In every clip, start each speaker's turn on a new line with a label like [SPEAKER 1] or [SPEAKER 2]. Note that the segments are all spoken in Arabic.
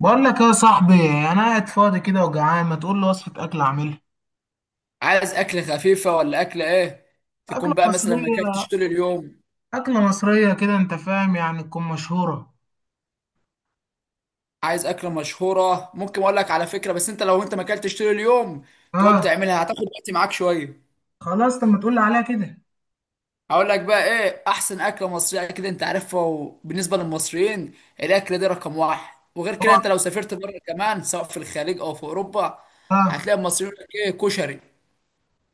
[SPEAKER 1] بقول لك يا صاحبي. انا قاعد فاضي كده وجعان، ما تقول لي وصفه اكل اعملها؟
[SPEAKER 2] عايز اكل خفيفه ولا اكل ايه؟
[SPEAKER 1] اكله
[SPEAKER 2] تكون بقى مثلا ما اكلتش
[SPEAKER 1] مصريه.
[SPEAKER 2] طول اليوم.
[SPEAKER 1] اكله مصريه كده، انت فاهم، يعني تكون مشهوره.
[SPEAKER 2] عايز اكله مشهوره؟ ممكن اقول لك على فكره، بس لو انت ما اكلتش طول اليوم تقوم
[SPEAKER 1] اه.
[SPEAKER 2] تعملها هتاخد وقت معاك شويه.
[SPEAKER 1] خلاص، طب ما تقول لي عليها كده؟
[SPEAKER 2] هقول لك بقى ايه احسن اكله مصريه، كده انت عارفها، وبالنسبه للمصريين الاكله دي رقم واحد. وغير كده
[SPEAKER 1] اوعى!
[SPEAKER 2] انت لو سافرت بره كمان، سواء في الخليج او في اوروبا،
[SPEAKER 1] اه.
[SPEAKER 2] هتلاقي المصريين يقول لك ايه؟ كشري.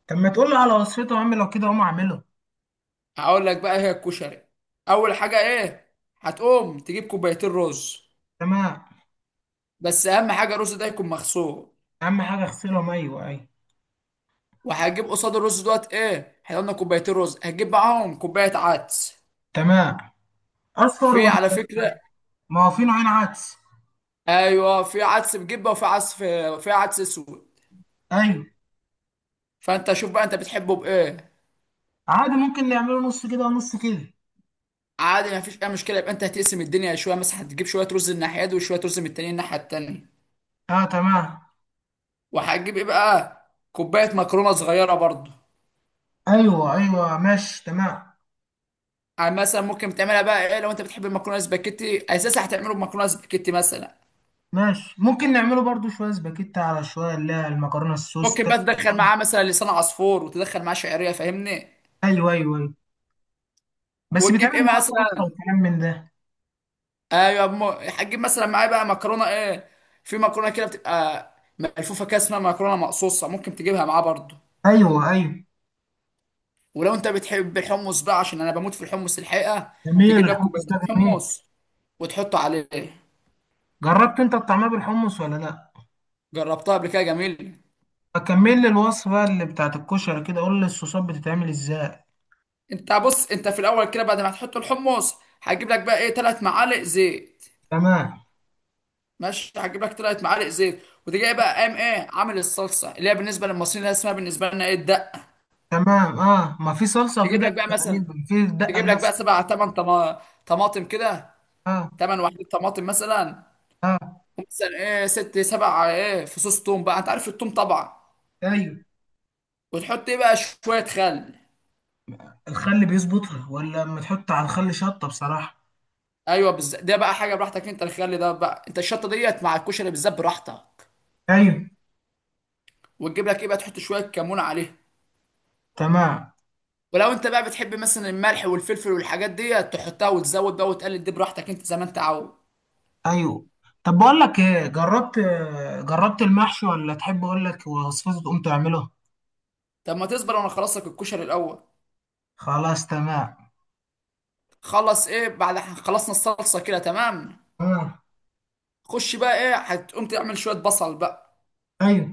[SPEAKER 1] طب ما تقول لي على وصفته يا عم لو كده اقوم اعمله؟
[SPEAKER 2] هقول لك بقى إيه هي الكشري. اول حاجه ايه؟ هتقوم تجيب كوبايتين رز،
[SPEAKER 1] تمام.
[SPEAKER 2] بس اهم حاجه الرز ده يكون مغسول.
[SPEAKER 1] اهم حاجه اغسلهم، ايوه، ايوه.
[SPEAKER 2] وهجيب قصاد الرز دوت ايه، احنا قلنا كوبايتين رز، هجيب معاهم كوبايه عدس.
[SPEAKER 1] تمام. اصفر
[SPEAKER 2] في على
[SPEAKER 1] ولا؟
[SPEAKER 2] فكره
[SPEAKER 1] ما هو في نوعين عدس.
[SPEAKER 2] ايوه في عدس بجبه، وفي عدس في عدس اسود.
[SPEAKER 1] ايوه.
[SPEAKER 2] فانت شوف بقى انت بتحبه بايه.
[SPEAKER 1] عادي، ممكن نعمله نص كده ونص كده.
[SPEAKER 2] عادي، ما فيش اي مشكله. يبقى انت هتقسم الدنيا شويه، مثلا هتجيب شويه رز من الناحيه دي وشويه رز من التانيين الناحيه التانيه.
[SPEAKER 1] اه، تمام.
[SPEAKER 2] وهتجيب ايه بقى؟ كوبايه مكرونه صغيره برضه.
[SPEAKER 1] ايوه، ايوه، ماشي، تمام.
[SPEAKER 2] يعني مثلا ممكن تعملها بقى ايه، لو انت بتحب المكرونه سباكيتي اساسا هتعمله بمكرونه سباكيتي مثلا.
[SPEAKER 1] ماشي، ممكن نعمله برضو شوية سباكيتا على شوية، اللي هي المكرونة السوس
[SPEAKER 2] ممكن
[SPEAKER 1] ده.
[SPEAKER 2] بقى تدخل معاه مثلا لسان عصفور، وتدخل معاه شعريه، فاهمني؟
[SPEAKER 1] أيوه، أيوه، أيوه. بس
[SPEAKER 2] وتجيب
[SPEAKER 1] بيتعمل
[SPEAKER 2] ايه
[SPEAKER 1] معاها صلصة
[SPEAKER 2] مثلا؟
[SPEAKER 1] وكلام من ده؟
[SPEAKER 2] ايوه هتجيب مثلا معايا بقى مكرونه ايه، في مكرونه كده بتبقى ملفوفه كده اسمها مكرونه مقصوصه، ممكن تجيبها معاه برضه.
[SPEAKER 1] أيوه، أيوه.
[SPEAKER 2] ولو انت بتحب الحمص بقى، عشان انا بموت في الحمص الحقيقه،
[SPEAKER 1] جميل،
[SPEAKER 2] تجيب لك
[SPEAKER 1] الحمص
[SPEAKER 2] كوبايتين
[SPEAKER 1] ده جميل.
[SPEAKER 2] حمص وتحطه عليه.
[SPEAKER 1] جربت أنت الطعمية بالحمص ولا لأ؟
[SPEAKER 2] جربتها قبل كده، جميل.
[SPEAKER 1] أكمل لي الوصفة اللي بتاعت الكشري كده، قول لي الصوصات بتتعمل إزاي؟
[SPEAKER 2] انت بص، انت في الاول كده بعد ما تحط الحمص هتجيب لك بقى ايه 3 معالق زيت.
[SPEAKER 1] تمام.
[SPEAKER 2] ماشي، هتجيب لك 3 معالق زيت. وتجي بقى قام ايه عامل الصلصه اللي هي بالنسبه للمصريين، اللي هي اسمها بالنسبه لنا ايه الدقه.
[SPEAKER 1] تمام، ما في صلصة وفي
[SPEAKER 2] تجيب لك
[SPEAKER 1] دقة
[SPEAKER 2] بقى مثلا،
[SPEAKER 1] تقريبا، في دقة
[SPEAKER 2] تجيب
[SPEAKER 1] اللي...
[SPEAKER 2] لك بقى 7 8 طماطم كده،
[SPEAKER 1] أه.
[SPEAKER 2] 8 وحدات طماطم مثلا.
[SPEAKER 1] أه.
[SPEAKER 2] ومثلا ايه 6 7 ايه فصوص توم، بقى انت عارف التوم طبعا.
[SPEAKER 1] أيوه.
[SPEAKER 2] وتحط ايه بقى؟ شويه خل.
[SPEAKER 1] الخل بيظبطها، ولا لما تحط على الخل شطة بصراحة؟
[SPEAKER 2] ايوه بالظبط. ده بقى حاجه براحتك انت، الخل ده بقى انت، الشطه ديت مع الكشري بالذات براحتك.
[SPEAKER 1] أيوه.
[SPEAKER 2] وتجيب لك ايه بقى؟ تحط شويه كمون عليها.
[SPEAKER 1] تمام.
[SPEAKER 2] ولو انت بقى بتحب مثلا الملح والفلفل والحاجات ديت تحطها، وتزود بقى وتقلل دي براحتك انت زي ما انت عاوز.
[SPEAKER 1] ايوه. طب بقول لك ايه، جربت... جربت المحشي، ولا تحب اقول لك وصفته تقوم تعمله؟
[SPEAKER 2] طب ما تصبر وانا اخلص لك الكشري الاول.
[SPEAKER 1] خلاص، تمام.
[SPEAKER 2] خلص ايه، بعد خلصنا الصلصه كده تمام.
[SPEAKER 1] آه.
[SPEAKER 2] خش بقى ايه، هتقوم تعمل شويه بصل بقى.
[SPEAKER 1] ايوه.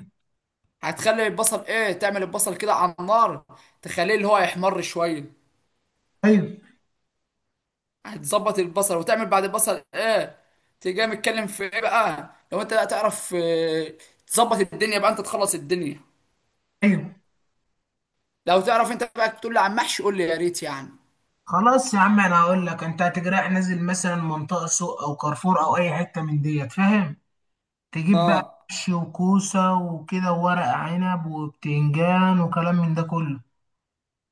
[SPEAKER 2] هتخلي البصل ايه، تعمل البصل كده على النار، تخليه اللي هو يحمر شويه.
[SPEAKER 1] ايوه.
[SPEAKER 2] هتظبط البصل وتعمل بعد البصل ايه؟ تيجي متكلم في ايه بقى لو انت بقى تعرف، آه، تظبط الدنيا بقى انت تخلص الدنيا.
[SPEAKER 1] ايوه.
[SPEAKER 2] لو تعرف انت بقى تقول لي عن محشي قول لي يا ريت يعني.
[SPEAKER 1] خلاص يا عم، انا هقول لك، انت هتجرح نازل مثلا منطقه سوق او كارفور او اي حته من ديت، فاهم؟ تجيب بقى...
[SPEAKER 2] اه.
[SPEAKER 1] محشي وكوسه وكده وورق عنب وبتنجان وكلام من ده كله.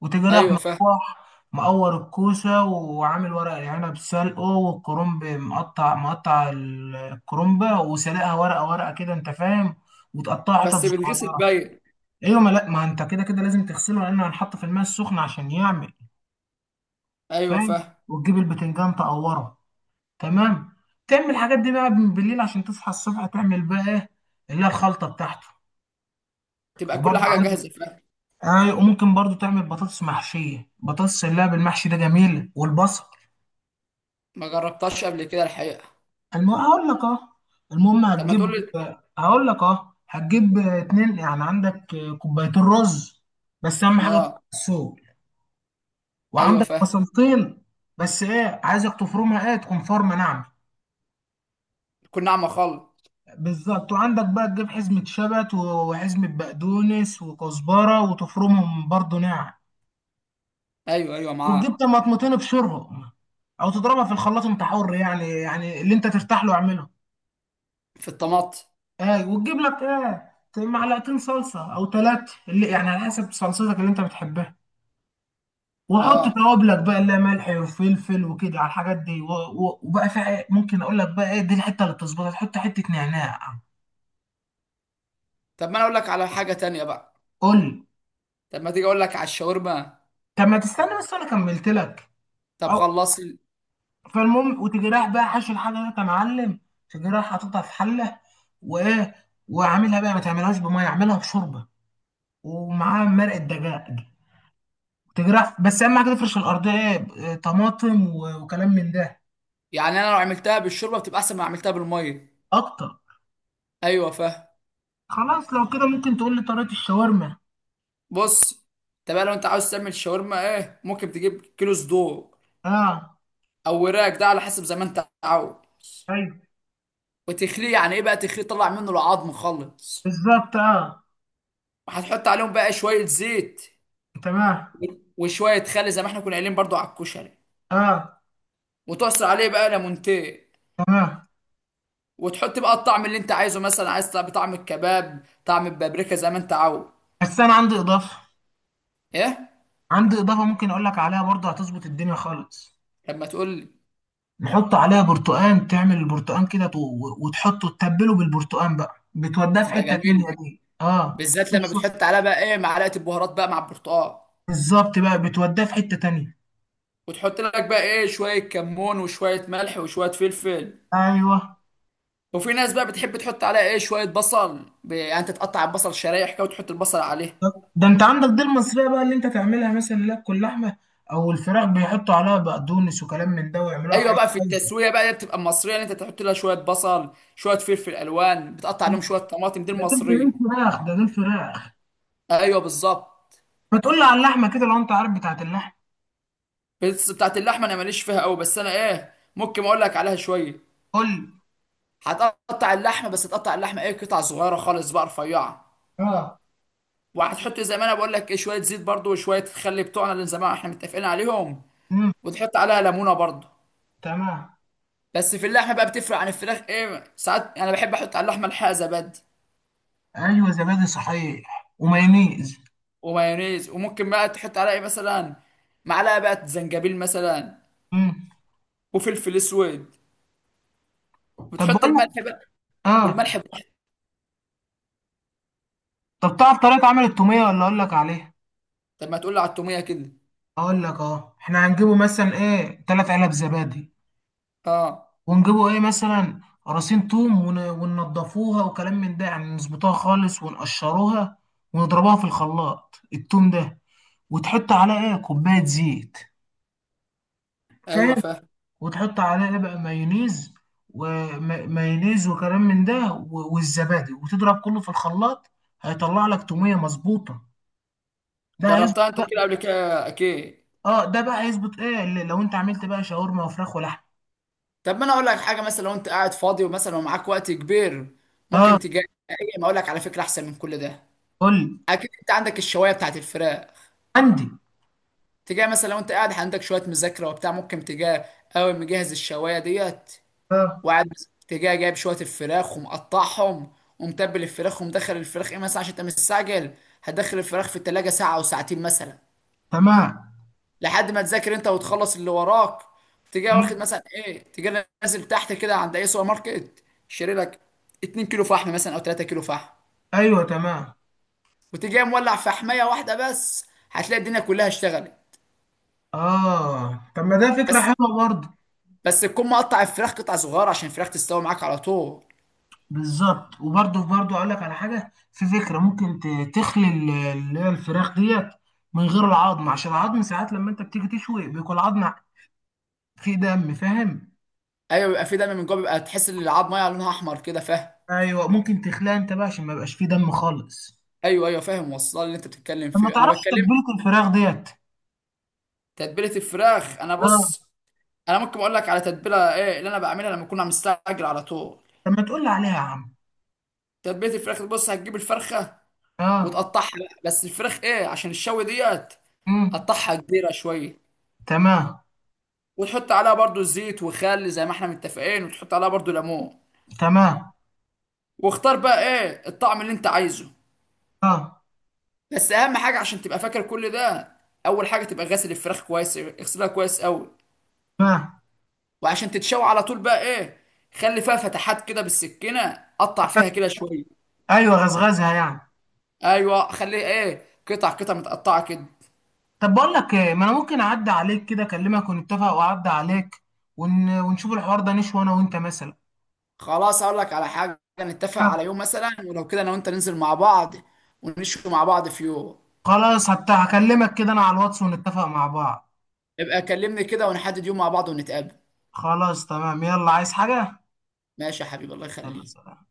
[SPEAKER 1] وتيجي راح
[SPEAKER 2] ايوه فاهم.
[SPEAKER 1] مروح. مقور الكوسة وعامل ورق العنب سلقه، والكرنب مقطع مقطع الكرنبة، وسلقها ورقة ورقة كده، انت فاهم؟ وتقطعها حتت
[SPEAKER 2] بس بالغسل
[SPEAKER 1] صغيرة.
[SPEAKER 2] باين.
[SPEAKER 1] ايوه، ما لا ما انت كده كده لازم تغسله، لانه هنحط في الماء السخن عشان يعمل.
[SPEAKER 2] ايوه
[SPEAKER 1] فاهم.
[SPEAKER 2] فاهم.
[SPEAKER 1] وتجيب البتنجان تقوره. تمام. تعمل الحاجات دي بقى من بالليل، عشان تصحى الصبح تعمل بقى ايه، اللي هي الخلطة بتاعته.
[SPEAKER 2] تبقى كل
[SPEAKER 1] وبرضه
[SPEAKER 2] حاجه
[SPEAKER 1] عندك.
[SPEAKER 2] جاهزه، فاهم.
[SPEAKER 1] ايوه، وممكن برضه تعمل بطاطس محشية، بطاطس اللي هي بالمحشي ده جميل، والبصل.
[SPEAKER 2] ما جربتهاش قبل كده الحقيقه.
[SPEAKER 1] هقول لك، اه. المهم
[SPEAKER 2] طب ما تقول
[SPEAKER 1] هتجيب...
[SPEAKER 2] لي.
[SPEAKER 1] هقول لك، هتجيب 2 يعني، عندك كوبايتين رز. بس اهم حاجه كوباية
[SPEAKER 2] اه.
[SPEAKER 1] السوق.
[SPEAKER 2] ايوه
[SPEAKER 1] وعندك
[SPEAKER 2] فاهم.
[SPEAKER 1] بصلتين. بس ايه، عايزك تفرمها، ايه، تكون فرمه ناعمه.
[SPEAKER 2] تكون ناعمه خالص.
[SPEAKER 1] بالظبط، وعندك بقى تجيب حزمه شبت وحزمه بقدونس وكزبره، وتفرمهم برضو ناعم.
[SPEAKER 2] ايوه ايوه
[SPEAKER 1] وتجيب
[SPEAKER 2] معاه.
[SPEAKER 1] طماطمتين ابشرهم، او تضربها في الخلاط، انت حر، يعني اللي انت ترتاح له اعمله.
[SPEAKER 2] في الطماط.
[SPEAKER 1] وتجيب لك ايه معلقتين صلصه او 3، اللي يعني على حسب صلصتك اللي انت بتحبها. وحط
[SPEAKER 2] اه.
[SPEAKER 1] توابلك بقى، اللي هي ملح وفلفل وكده، على الحاجات دي، وبقى ممكن اقول لك بقى ايه دي الحته اللي تظبطها، تحط حته نعناع.
[SPEAKER 2] طب ما انا اقول لك على حاجه تانية بقى.
[SPEAKER 1] قول لي.
[SPEAKER 2] طب ما تيجي اقول لك على الشاورما.
[SPEAKER 1] طب ما تستنى بس، انا كملت لك.
[SPEAKER 2] طب
[SPEAKER 1] أو...
[SPEAKER 2] خلص
[SPEAKER 1] فالمهم، وتجي رايح بقى حاشي الحاجه دي يا معلم. تجي رايح حاططها في حله، وايه، وعاملها بقى، ما تعملهاش بميه، اعملها بشوربه. ومعاها مرقه دجاج. تجرح، بس اهم حاجه تفرش الارضيه، طماطم وكلام من ده.
[SPEAKER 2] يعني انا لو عملتها بالشوربه بتبقى احسن ما عملتها بالميه.
[SPEAKER 1] اكتر.
[SPEAKER 2] ايوه فاهم.
[SPEAKER 1] خلاص، لو كده ممكن تقول لي طريقه الشاورما؟
[SPEAKER 2] بص، طب لو انت عاوز تعمل شاورما ايه، ممكن تجيب كيلو صدور
[SPEAKER 1] اه.
[SPEAKER 2] او وراك، ده على حسب زي ما انت عاوز.
[SPEAKER 1] ايوه.
[SPEAKER 2] وتخليه يعني ايه بقى، تخليه تطلع منه العظم خالص.
[SPEAKER 1] بالظبط، اه.
[SPEAKER 2] وهتحط عليهم بقى شويه زيت
[SPEAKER 1] تمام.
[SPEAKER 2] وشويه خل زي ما احنا كنا قايلين برضو على الكشري.
[SPEAKER 1] اه.
[SPEAKER 2] وتعصر عليه بقى ليمونتين.
[SPEAKER 1] تمام.
[SPEAKER 2] وتحط بقى الطعم اللي انت عايزه، مثلا عايز طعم، طعم الكباب، طعم البابريكا زي ما انت عاوز.
[SPEAKER 1] بس انا عندي اضافه.
[SPEAKER 2] ايه؟
[SPEAKER 1] عندي اضافه، ممكن اقول لك عليها برضه، هتظبط الدنيا خالص.
[SPEAKER 2] لما تقول لي.
[SPEAKER 1] نحط عليها برتقان، تعمل البرتقان كده، وتحطه، تتبله بالبرتقان بقى، بتوديه في
[SPEAKER 2] تبقى
[SPEAKER 1] حته تانيه
[SPEAKER 2] جميل،
[SPEAKER 1] دي، اه.
[SPEAKER 2] بالذات لما بتحط عليها بقى ايه معلقه البهارات بقى مع البرتقال.
[SPEAKER 1] بالظبط، بقى بتوديه في حته تانيه.
[SPEAKER 2] وتحط لك بقى ايه شويه كمون وشويه ملح وشويه فلفل.
[SPEAKER 1] ايوه.
[SPEAKER 2] وفي ناس بقى بتحب تحط عليها ايه شويه بصل، يعني انت تقطع البصل شرايح كده وتحط البصل عليه.
[SPEAKER 1] طب ده انت عندك دي المصرية بقى، اللي انت تعملها مثلا، لك اللحمة او الفراخ، بيحطوا عليها بقدونس وكلام من ده ويعملوها في
[SPEAKER 2] ايوه
[SPEAKER 1] عيش
[SPEAKER 2] بقى في
[SPEAKER 1] كايزر.
[SPEAKER 2] التسويه بقى دي بتبقى المصريه، اللي انت تحط لها شويه بصل، شويه فلفل الوان، بتقطع عليهم شويه طماطم، دي
[SPEAKER 1] ده دول
[SPEAKER 2] المصريه.
[SPEAKER 1] فراخ، ده دول فراخ.
[SPEAKER 2] ايوه بالظبط.
[SPEAKER 1] ما تقول لي على اللحمة كده لو انت عارف بتاعت اللحمة؟
[SPEAKER 2] بس بتاعت اللحمه انا ماليش فيها قوي، بس انا ايه ممكن اقول لك عليها شويه.
[SPEAKER 1] قول لي.
[SPEAKER 2] هتقطع اللحمه، بس تقطع اللحمه ايه، قطع صغيره خالص بقى رفيعه.
[SPEAKER 1] اه.
[SPEAKER 2] وهتحط زي ما انا بقول لك ايه شويه زيت برضو وشويه الخل بتوعنا اللي زمان احنا متفقين عليهم.
[SPEAKER 1] امم.
[SPEAKER 2] وتحط عليها ليمونه برضو.
[SPEAKER 1] تمام.
[SPEAKER 2] بس في اللحمه بقى بتفرق عن الفراخ ايه، ساعات انا بحب احط على اللحمه الحقيقه زبادي.
[SPEAKER 1] ايوه، زبادي صحيح، ومايونيز.
[SPEAKER 2] ومايونيز. وممكن بقى تحط عليها ايه مثلا معلقه بقى زنجبيل مثلا.
[SPEAKER 1] امم.
[SPEAKER 2] وفلفل اسود.
[SPEAKER 1] طب
[SPEAKER 2] وتحط
[SPEAKER 1] بقول لك...
[SPEAKER 2] الملح بقى.
[SPEAKER 1] اه.
[SPEAKER 2] والملح بقى.
[SPEAKER 1] طب تعرف طريقة عمل التومية ولا اقول لك عليها؟
[SPEAKER 2] طب ما تقول لي على التوميه كده.
[SPEAKER 1] اقول لك، احنا هنجيبه مثلا ايه 3 علب زبادي.
[SPEAKER 2] اه.
[SPEAKER 1] ونجيبوا ايه مثلا قراصين توم، وننضفوها وكلام من ده، يعني نظبطوها خالص ونقشروها. ونضربها في الخلاط التوم ده. وتحط عليها ايه كوباية زيت. فاهم.
[SPEAKER 2] ايوه فاهم.
[SPEAKER 1] وتحط عليها ايه بقى مايونيز، ومايونيز وكلام من ده، والزبادي، وتضرب كله في الخلاط. هيطلع لك تومية مظبوطة. ده هيظبط
[SPEAKER 2] جربتها انت
[SPEAKER 1] بقى.
[SPEAKER 2] كده قبل كده اكيد.
[SPEAKER 1] اه ده بقى هيظبط ايه لو انت عملت بقى شاورما وفراخ ولحم.
[SPEAKER 2] طب ما انا اقول لك حاجه، مثلا لو انت قاعد فاضي ومثلا ومعاك وقت كبير
[SPEAKER 1] اه.
[SPEAKER 2] ممكن تجي. ما اقول لك على فكره احسن من كل ده.
[SPEAKER 1] قول لي.
[SPEAKER 2] اكيد انت عندك الشوايه بتاعت الفراخ.
[SPEAKER 1] عندي.
[SPEAKER 2] تجي مثلا لو انت قاعد عندك شويه مذاكره وبتاع، ممكن تجي اول مجهز الشوايه ديت
[SPEAKER 1] اه.
[SPEAKER 2] وقاعد، تجي جايب شويه الفراخ ومقطعهم ومتبل الفراخ ومدخل الفراخ ايه مثلا عشان انت مستعجل. هتدخل الفراخ في التلاجة ساعه او ساعتين مثلا،
[SPEAKER 1] تمام.
[SPEAKER 2] لحد ما تذاكر انت وتخلص اللي وراك. تجي واخد
[SPEAKER 1] مم.
[SPEAKER 2] مثلا ايه، تجي نازل تحت كده عند اي سوبر ماركت، شاري لك 2 كيلو فحم مثلا او 3 كيلو فحم.
[SPEAKER 1] ايوه، تمام.
[SPEAKER 2] وتجي مولع فحميه واحده بس، هتلاقي الدنيا كلها اشتغلت.
[SPEAKER 1] اه، طب ما ده فكرة
[SPEAKER 2] بس
[SPEAKER 1] حلوة برضه.
[SPEAKER 2] بس تكون مقطع الفراخ قطع صغيره عشان الفراخ تستوي معاك على طول.
[SPEAKER 1] بالظبط، وبرضه اقول لك على حاجة، في فكرة ممكن تخلي اللي هي الفراخ ديت، من غير العظم، عشان العظم ساعات لما انت بتيجي تشوي بيكون العظم فيه دم، فاهم؟
[SPEAKER 2] ايوه بيبقى في دم من جوه، بيبقى تحس ان العظم ميه لونها احمر كده، فاهم.
[SPEAKER 1] ايوه، ممكن تخليها انت بقى عشان ما يبقاش فيه دم خالص.
[SPEAKER 2] ايوه ايوه فاهم، وصل اللي انت بتتكلم
[SPEAKER 1] طب ما
[SPEAKER 2] فيه انا
[SPEAKER 1] تعرفش
[SPEAKER 2] بتكلم.
[SPEAKER 1] تتبيلة الفراخ ديت؟
[SPEAKER 2] تتبيله الفراخ انا
[SPEAKER 1] اه.
[SPEAKER 2] بص، انا ممكن اقول لك على تتبيله ايه اللي انا بعملها لما اكون مستعجل على طول.
[SPEAKER 1] طب ما تقول لي عليها يا عم.
[SPEAKER 2] تتبيله الفراخ بص، هتجيب الفرخه
[SPEAKER 1] اه.
[SPEAKER 2] وتقطعها بقى، بس الفراخ ايه عشان الشوي ديت
[SPEAKER 1] امم.
[SPEAKER 2] قطعها كبيره شويه.
[SPEAKER 1] تمام.
[SPEAKER 2] وتحط عليها برضو زيت وخل زي ما احنا متفقين، وتحط عليها برضو ليمون.
[SPEAKER 1] تمام.
[SPEAKER 2] واختار بقى ايه الطعم اللي انت عايزه.
[SPEAKER 1] اه.
[SPEAKER 2] بس اهم حاجه عشان تبقى فاكر كل ده، اول حاجه تبقى غاسل الفراخ كويس، اغسلها كويس قوي.
[SPEAKER 1] تمام.
[SPEAKER 2] وعشان تتشوي على طول بقى ايه، خلي فيها فتحات كده بالسكينه، قطع فيها كده شويه.
[SPEAKER 1] ايوه، غزغزها يعني.
[SPEAKER 2] ايوه، خليه ايه، قطع قطع متقطعه كده.
[SPEAKER 1] طب بقول لك ايه، ما انا ممكن اعدي عليك كده، اكلمك ونتفق، واعدي عليك ونشوف الحوار ده، نشوي انا وانت مثلا.
[SPEAKER 2] خلاص اقول لك على حاجه، نتفق
[SPEAKER 1] آه.
[SPEAKER 2] على يوم مثلا، ولو كده انا وانت ننزل مع بعض ونشوي مع بعض في يوم.
[SPEAKER 1] خلاص، هكلمك كده انا على الواتس ونتفق مع بعض.
[SPEAKER 2] يبقى كلمني كده ونحدد يوم مع بعض ونتقابل.
[SPEAKER 1] خلاص، تمام، يلا عايز حاجة؟
[SPEAKER 2] ماشي يا حبيبي، الله
[SPEAKER 1] يلا،
[SPEAKER 2] يخليك.
[SPEAKER 1] سلام.